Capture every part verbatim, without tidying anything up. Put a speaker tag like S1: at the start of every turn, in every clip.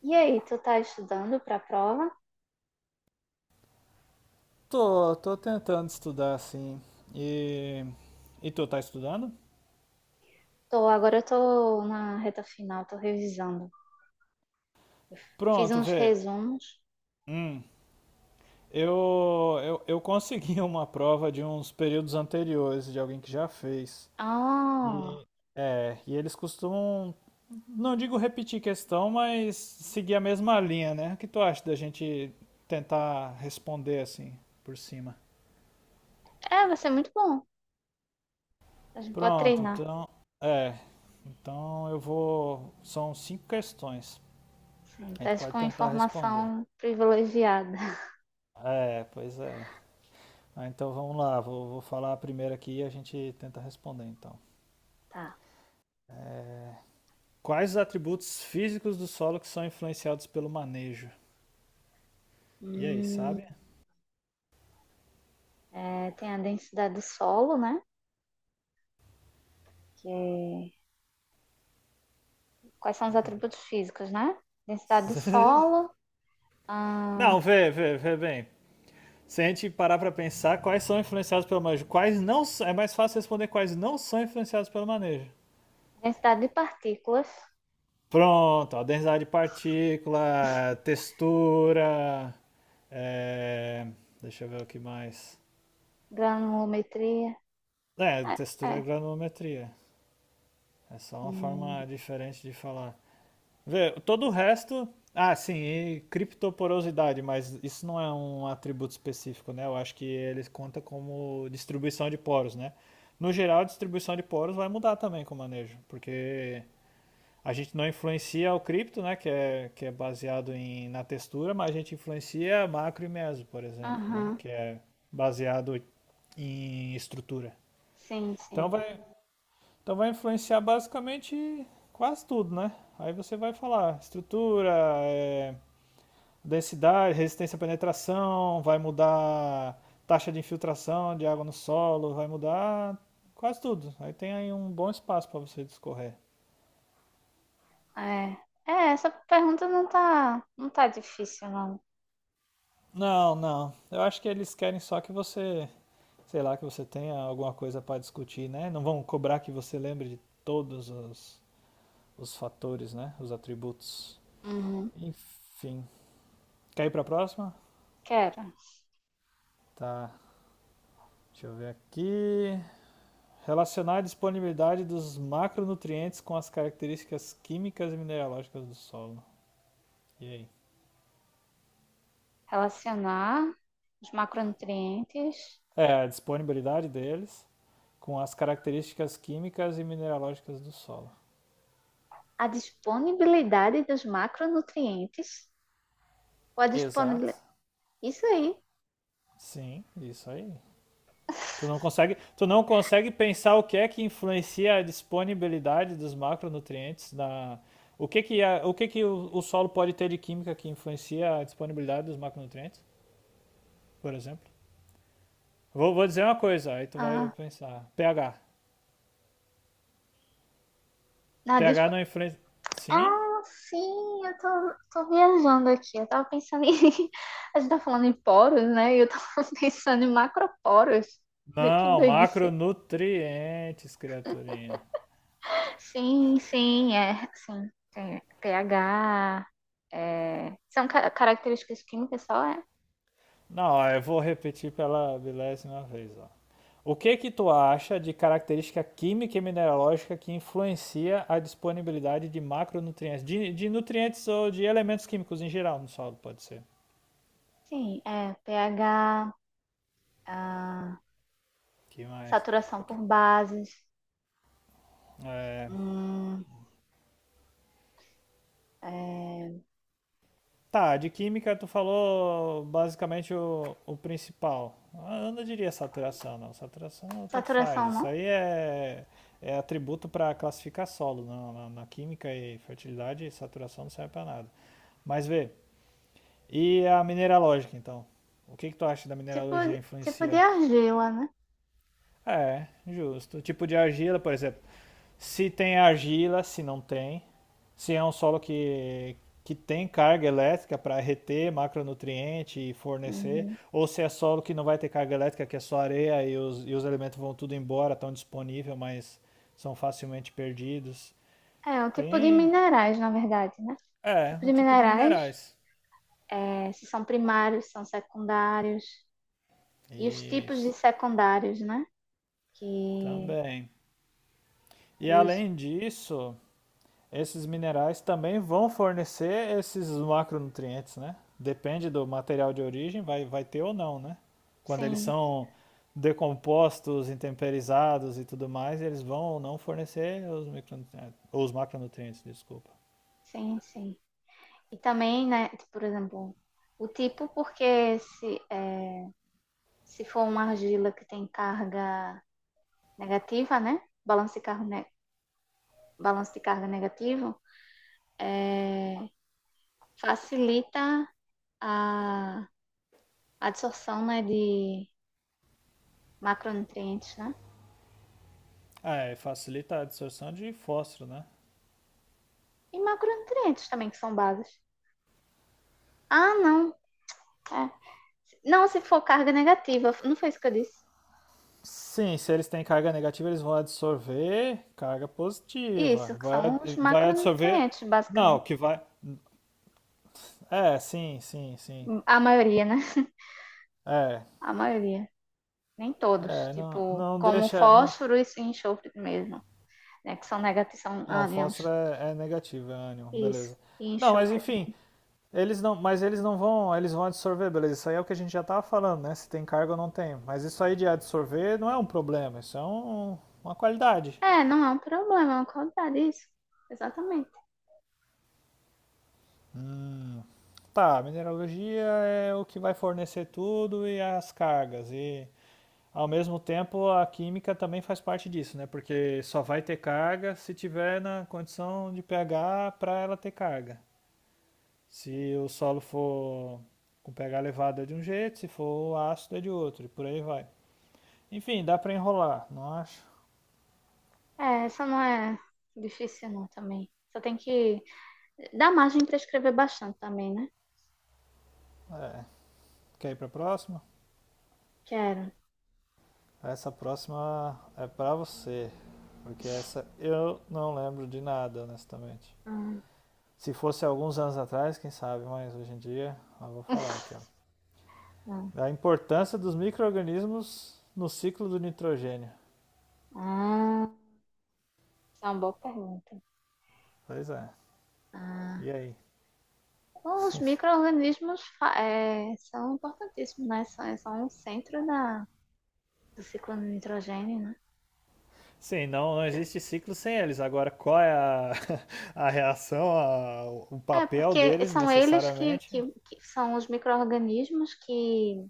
S1: E aí, tu tá estudando para a prova?
S2: Tô, tô tentando estudar assim. E, e tu tá estudando?
S1: Tô, agora eu tô na reta final, tô revisando. Fiz
S2: Pronto,
S1: uns
S2: vê.
S1: resumos.
S2: Hum, eu, eu, eu consegui uma prova de uns períodos anteriores, de alguém que já fez.
S1: Ah,
S2: E, é, e eles costumam, não digo repetir questão, mas seguir a mesma linha, né? O que tu acha da gente tentar responder assim, por cima?
S1: é, vai ser muito bom. A gente pode
S2: Pronto,
S1: treinar.
S2: então, é. Então eu vou. São cinco questões.
S1: Sim,
S2: A
S1: tá
S2: gente pode
S1: com
S2: tentar responder.
S1: informação privilegiada.
S2: É, pois é. Ah, então vamos lá, vou, vou falar a primeira aqui e a gente tenta responder então.
S1: Tá.
S2: Quais os atributos físicos do solo que são influenciados pelo manejo? E aí,
S1: Hum,
S2: sabe?
S1: É, tem a densidade do solo, né? Que é- Quais são os atributos físicos, né? Densidade do solo, a
S2: Não, vê, vê, vê bem. Se a gente parar pra pensar, quais são influenciados pelo manejo? Quais não s- É mais fácil responder quais não são influenciados pelo manejo.
S1: densidade de partículas,
S2: Pronto, ó, densidade de partícula, textura. É, deixa eu ver o que mais.
S1: granulometria.
S2: É, textura e
S1: É.
S2: granulometria. É só uma
S1: Hum,
S2: forma diferente de falar. Vê, todo o resto. Ah, sim, e criptoporosidade, mas isso não é um atributo específico, né? Eu acho que ele conta como distribuição de poros, né? No geral, a distribuição de poros vai mudar também com o manejo, porque a gente não influencia o cripto, né? Que é, que é baseado em, na textura, mas a gente influencia macro e meso, por exemplo, né?
S1: aham,
S2: Que é baseado em estrutura.
S1: sim,
S2: Então
S1: sim.
S2: vai, então vai influenciar basicamente quase tudo, né? Aí você vai falar estrutura, é, densidade, resistência à penetração, vai mudar taxa de infiltração de água no solo, vai mudar quase tudo. Aí tem aí um bom espaço para você discorrer.
S1: É. É, essa pergunta não tá, não tá difícil, não.
S2: Não, não. Eu acho que eles querem só que você, sei lá, que você tenha alguma coisa para discutir, né? Não vão cobrar que você lembre de todos os, os fatores, né? Os atributos.
S1: Uhum.
S2: Enfim. Quer ir para a próxima?
S1: Quero
S2: Tá. Deixa eu ver aqui. Relacionar a disponibilidade dos macronutrientes com as características químicas e mineralógicas do solo. E aí?
S1: relacionar os macronutrientes
S2: É, a disponibilidade deles com as características químicas e mineralógicas do solo.
S1: à disponibilidade dos macronutrientes ou a
S2: Exato.
S1: disponibilidade. Isso aí.
S2: Sim, isso aí. Tu não consegue, tu não consegue pensar o que é que influencia a disponibilidade dos macronutrientes na o que que a- o que que o, o solo pode ter de química que influencia a disponibilidade dos macronutrientes, por exemplo? Vou, vou dizer uma coisa, aí tu vai
S1: Ah,
S2: pensar. pH.
S1: na
S2: pH
S1: dispo...
S2: não influencia. Sim?
S1: ah, sim, eu tô, tô viajando aqui. Eu tava pensando em. A gente tá falando em poros, né? E eu tava pensando em macroporos. Vê, que
S2: Não,
S1: doidice.
S2: macronutrientes, criaturinha.
S1: Sim, sim, é, sim, tem pH, é, são ca- características químicas só, é?
S2: Não, ó, eu vou repetir pela milésima vez, ó. O que que tu acha de característica química e mineralógica que influencia a disponibilidade de macronutrientes, de, de nutrientes ou de elementos químicos em geral no solo, pode ser.
S1: Sim, é pH, ah,
S2: Que mais?
S1: saturação por bases,
S2: É,
S1: hum, é,
S2: tá, de química tu falou basicamente o, o principal. Ah, eu não diria saturação, não. Saturação tanto faz.
S1: saturação
S2: Isso
S1: não?
S2: aí é, é atributo para classificar solo. Na, na, na química e fertilidade, saturação não serve para nada. Mas vê, e a mineralógica, então? O que que tu acha da
S1: Tipo,
S2: mineralogia
S1: tipo de
S2: influencia?
S1: argila, né?
S2: É, justo. O tipo de argila, por exemplo. Se tem argila, se não tem. Se é um solo que, que tem carga elétrica para reter macronutriente e fornecer,
S1: Uhum.
S2: ou se é solo que não vai ter carga elétrica, que é só areia e os, e os elementos vão tudo embora, estão disponíveis, mas são facilmente perdidos.
S1: É, um tipo de
S2: Tem,
S1: minerais, na verdade, né? Um
S2: é,
S1: tipo
S2: o
S1: de
S2: tipo de
S1: minerais,
S2: minerais.
S1: é, se são primários, são secundários, e os tipos de
S2: Isso,
S1: secundários, né? Que
S2: também. E
S1: os,
S2: além disso, esses minerais também vão fornecer esses macronutrientes, né? Depende do material de origem, vai, vai ter ou não, né? Quando eles
S1: sim,
S2: são decompostos, intemperizados e tudo mais, eles vão ou não fornecer os, micronutrientes, os macronutrientes, desculpa.
S1: sim, sim. E também, né, por exemplo, o tipo, porque se, é, se for uma argila que tem carga negativa, né, balanço de carga, ne- balanço de carga negativo, facilita a, a absorção, né, de macronutrientes, né?
S2: Ah, é, facilita a absorção de fósforo, né?
S1: E macronutrientes também, que são bases. Ah, não. É. Não, se for carga negativa, não foi isso que eu disse.
S2: Sim, se eles têm carga negativa, eles vão absorver carga positiva.
S1: Isso, que
S2: Vai,
S1: são os
S2: vai absorver.
S1: macronutrientes,
S2: Não,
S1: basicamente.
S2: que vai. É, sim, sim, sim.
S1: A maioria, né?
S2: É,
S1: A maioria. Nem todos,
S2: é, não,
S1: tipo,
S2: não
S1: como
S2: deixa. Não,
S1: fósforo e enxofre mesmo, né? Que são negativos, são
S2: não, Foster
S1: ânions.
S2: é, é negativo, é ânion,
S1: Isso.
S2: beleza.
S1: E
S2: Não, mas
S1: enxofre
S2: enfim,
S1: também.
S2: eles não, mas eles não vão, eles vão absorver, beleza. Isso aí é o que a gente já tava falando, né? Se tem carga ou não tem. Mas isso aí de absorver não é um problema, isso é um- uma qualidade.
S1: É, não é um problema, é uma qualidade, isso. Exatamente.
S2: Tá, mineralogia é o que vai fornecer tudo e as cargas. E ao mesmo tempo a química também faz parte disso, né? Porque só vai ter carga se tiver na condição de pH para ela ter carga. Se o solo for com pH elevado é de um jeito, se for ácido é de outro, e por aí vai. Enfim, dá para enrolar, não acho?
S1: É, essa não é difícil não também. Só tem que dar margem para escrever bastante também, né?
S2: É. Quer ir para a próxima?
S1: Quero.
S2: Essa próxima é para você, porque essa eu não lembro de nada, honestamente.
S1: Ah,
S2: Se fosse alguns anos atrás, quem sabe, mas hoje em dia, eu vou falar aqui, ó.
S1: ah,
S2: A importância dos micro-organismos no ciclo do nitrogênio.
S1: ah, essa é uma boa pergunta.
S2: Pois é.
S1: Ah,
S2: E aí?
S1: bom, os micro-organismos fa- é, são importantíssimos, né? São, são o centro da, do ciclo do nitrogênio, né?
S2: Sim, não, não existe ciclo sem eles. Agora, qual é a, a reação, a- o
S1: É,
S2: papel
S1: porque
S2: deles
S1: são eles que,
S2: necessariamente?
S1: que, que são os micro-organismos que,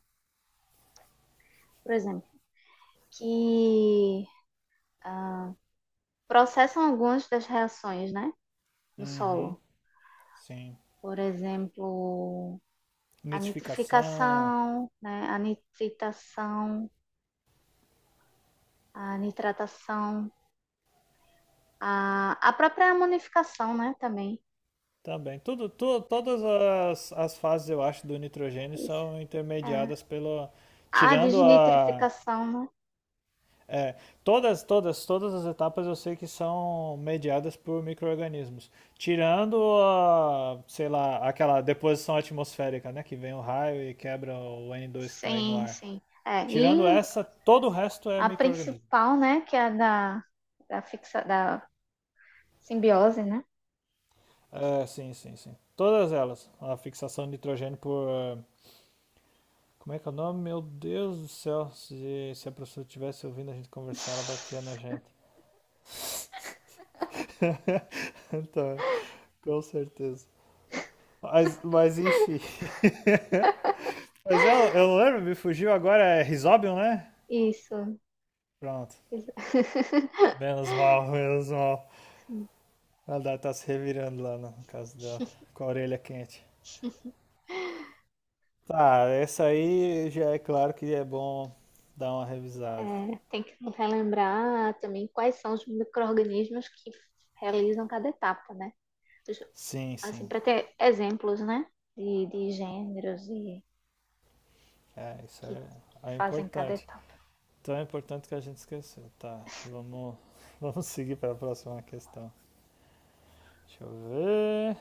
S1: por exemplo, que ah, processam algumas das reações, né, no
S2: Uhum,
S1: solo.
S2: sim.
S1: Por exemplo, a
S2: Nitrificação
S1: nitrificação, né, a nitritação, a nitratação, a, a própria amonificação, né, também.
S2: também. Tudo, tu- todas as, as fases, eu acho, do nitrogênio
S1: Isso.
S2: são intermediadas
S1: É.
S2: pelo.
S1: A
S2: Tirando a,
S1: desnitrificação, né?
S2: é, todas, todas, todas as etapas eu sei que são mediadas por micro-organismos. Tirando, a, sei lá, aquela deposição atmosférica, né? Que vem o raio e quebra o N dois que está aí no
S1: Sim,
S2: ar.
S1: sim. É,
S2: Tirando
S1: e
S2: essa, todo o resto é
S1: a
S2: micro-organismo.
S1: principal, né, que é a da, da, fixa, da simbiose, né?
S2: É, sim, sim, sim. Todas elas. A fixação de nitrogênio por. É, como é que é o nome? Meu Deus do céu. Se, se a professora estivesse ouvindo a gente conversar, ela batia na gente. Então, com certeza. Mas, mas enfim. Mas eu, eu não lembro, me fugiu agora, é Risobium, né?
S1: Isso,
S2: Pronto.
S1: exato,
S2: Menos mal, menos mal. Ela tá se revirando lá no caso dela, com a orelha quente. Tá, essa aí já é claro que é bom dar uma revisada.
S1: né? Tem que relembrar também quais são os micro-organismos que realizam cada etapa, né?
S2: Sim,
S1: Assim,
S2: sim.
S1: para ter exemplos, né? De, de gêneros e
S2: É, isso
S1: que, que
S2: é, é
S1: fazem cada
S2: importante.
S1: etapa.
S2: Então é importante que a gente esqueceu. Tá, vamos, vamos seguir para a próxima questão. Deixa eu ver.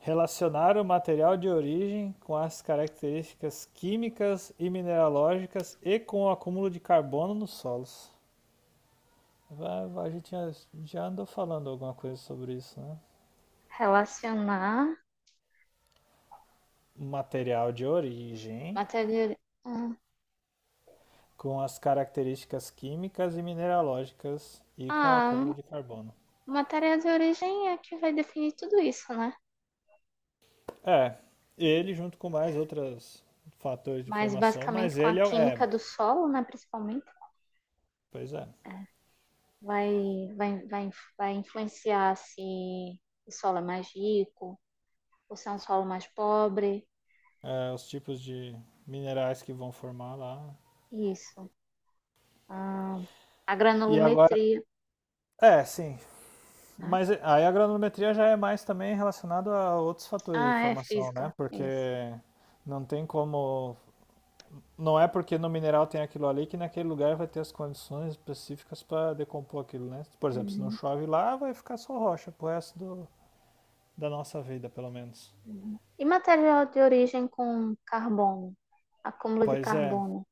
S2: Relacionar o material de origem com as características químicas e mineralógicas e com o acúmulo de carbono nos solos. Vai- vai- A gente já, já andou falando alguma coisa sobre isso, né?
S1: Relacionar
S2: Material de origem
S1: matéria de, ah,
S2: com as características químicas e mineralógicas e com o
S1: ah,
S2: acúmulo de carbono.
S1: matéria de origem é que vai definir tudo isso, né?
S2: É, ele junto com mais outros fatores de
S1: Mas
S2: formação,
S1: basicamente
S2: mas
S1: com a
S2: ele é,
S1: química
S2: é
S1: do solo, né? Principalmente
S2: pois é,
S1: vai, vai, vai, vai influenciar se o solo é mais rico ou se é um solo mais pobre.
S2: é, os tipos de minerais que vão formar lá.
S1: Isso. Ah, a
S2: E agora,
S1: granulometria,
S2: é, sim,
S1: né?
S2: mas eh, aí a granulometria já é mais também relacionado a outros fatores de
S1: Ah, é
S2: formação, né?
S1: física.
S2: Porque
S1: Isso.
S2: não tem como. Não é porque no mineral tem aquilo ali que naquele lugar vai ter as condições específicas para decompor aquilo, né? Por exemplo, se não
S1: Uhum,
S2: chove lá, vai ficar só rocha pro resto do- da nossa vida, pelo menos.
S1: uhum. E material de origem com carbono, acúmulo de
S2: Pois é,
S1: carbono.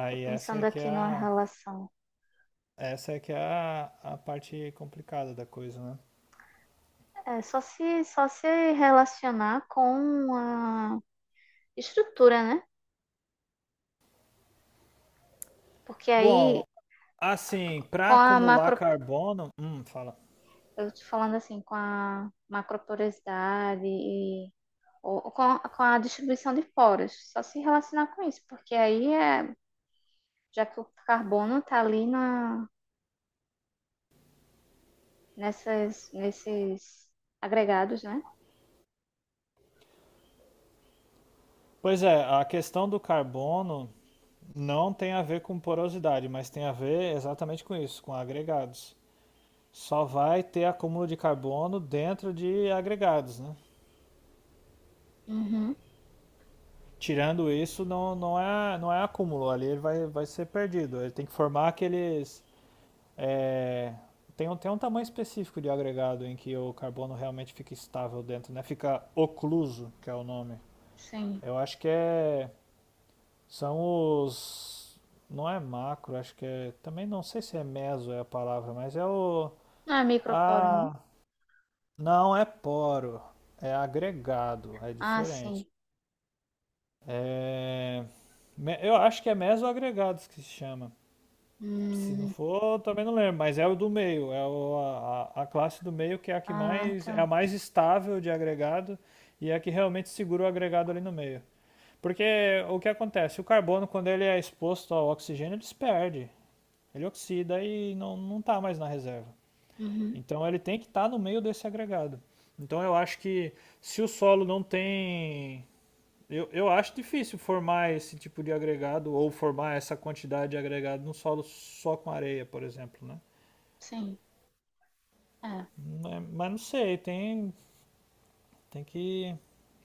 S1: Estou
S2: essa
S1: pensando
S2: é que é
S1: aqui numa
S2: a,
S1: relação.
S2: essa é que é a, a parte complicada da coisa, né?
S1: É só se, só se relacionar com a estrutura, né? Porque aí,
S2: Bom, assim,
S1: com
S2: para
S1: a
S2: acumular
S1: macro,
S2: carbono. Hum, fala.
S1: eu te falando assim com a macroporosidade e ou, ou com, a, com a distribuição de poros, só se relacionar com isso, porque aí é, já que o carbono está ali na, nessas, nesses agregados, né?
S2: Pois é, a questão do carbono não tem a ver com porosidade, mas tem a ver exatamente com isso, com agregados. Só vai ter acúmulo de carbono dentro de agregados, né?
S1: Uhum,
S2: Tirando isso, não, não, é, não é acúmulo, ali ele vai, vai ser perdido. Ele tem que formar aqueles. É, tem, um, tem um tamanho específico de agregado em que o carbono realmente fica estável dentro, né? Fica ocluso, que é o nome.
S1: sim.
S2: Eu acho que é. São os. Não é macro, acho que é. Também não sei se é meso é a palavra, mas é o.
S1: Não é microporo, não?
S2: Ah, não é poro, é agregado, é
S1: Ah,
S2: diferente.
S1: sim.
S2: É... me- Eu acho que é mesoagregados que se chama. Se não
S1: Hum,
S2: for, eu também não lembro, mas é o do meio, é o- a, a- a classe do meio que é a que
S1: ah,
S2: mais é a
S1: tá.
S2: mais estável de agregado e é a que realmente segura o agregado ali no meio. Porque o que acontece? O carbono, quando ele é exposto ao oxigênio, ele se perde. Ele oxida e não, não tá mais na reserva.
S1: Uhum,
S2: Então ele tem que estar no meio desse agregado. Então eu acho que se o solo não tem. Eu, eu acho difícil formar esse tipo de agregado ou formar essa quantidade de agregado num solo só com areia, por exemplo, né?
S1: sim. É, é.
S2: é- Mas não sei, tem, tem que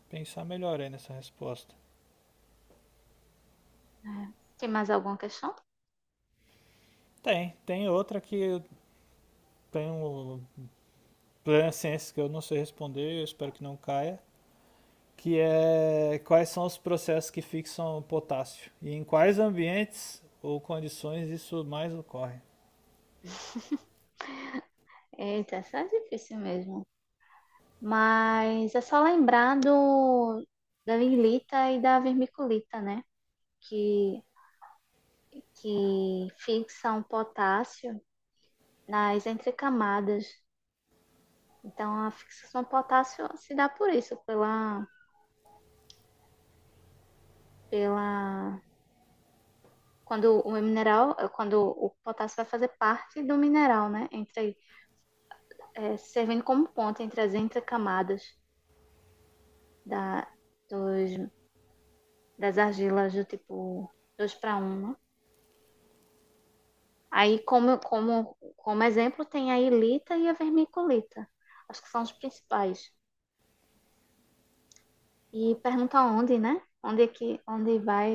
S2: pensar melhor aí nessa resposta.
S1: Tem mais alguma questão?
S2: Tem, tem outra que eu tenho plena ciência que eu não sei responder, eu espero que não caia, que é quais são os processos que fixam o potássio e em quais ambientes ou condições isso mais ocorre.
S1: Eita, essa é difícil mesmo. Mas é só lembrar do, da virlita e da vermiculita, né? Que, que fixam potássio nas entrecamadas. Então, a fixação do potássio se dá por isso, pela, pela quando o mineral, quando o potássio vai fazer parte do mineral, né? Entre, é, servindo como ponte entre as entrecamadas da, dos, das argilas do tipo dois para um, né? Aí, como, como, como exemplo, tem a ilita e a vermiculita. Acho que são os principais. E pergunta onde, né? Onde é que, onde vai,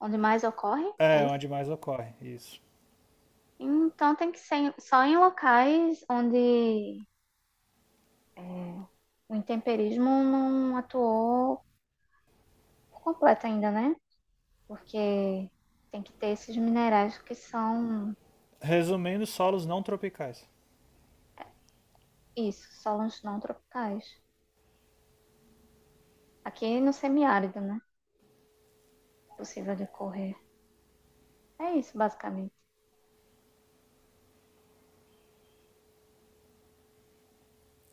S1: onde mais ocorre? É
S2: É,
S1: isso?
S2: onde mais ocorre, isso.
S1: Então tem que ser em- só em locais onde é, o intemperismo não atuou por completo ainda, né? Porque tem que ter esses minerais que são
S2: Resumindo, solos não tropicais.
S1: isso, solos não tropicais. Aqui no semiárido, né? Possível de ocorrer. É isso, basicamente.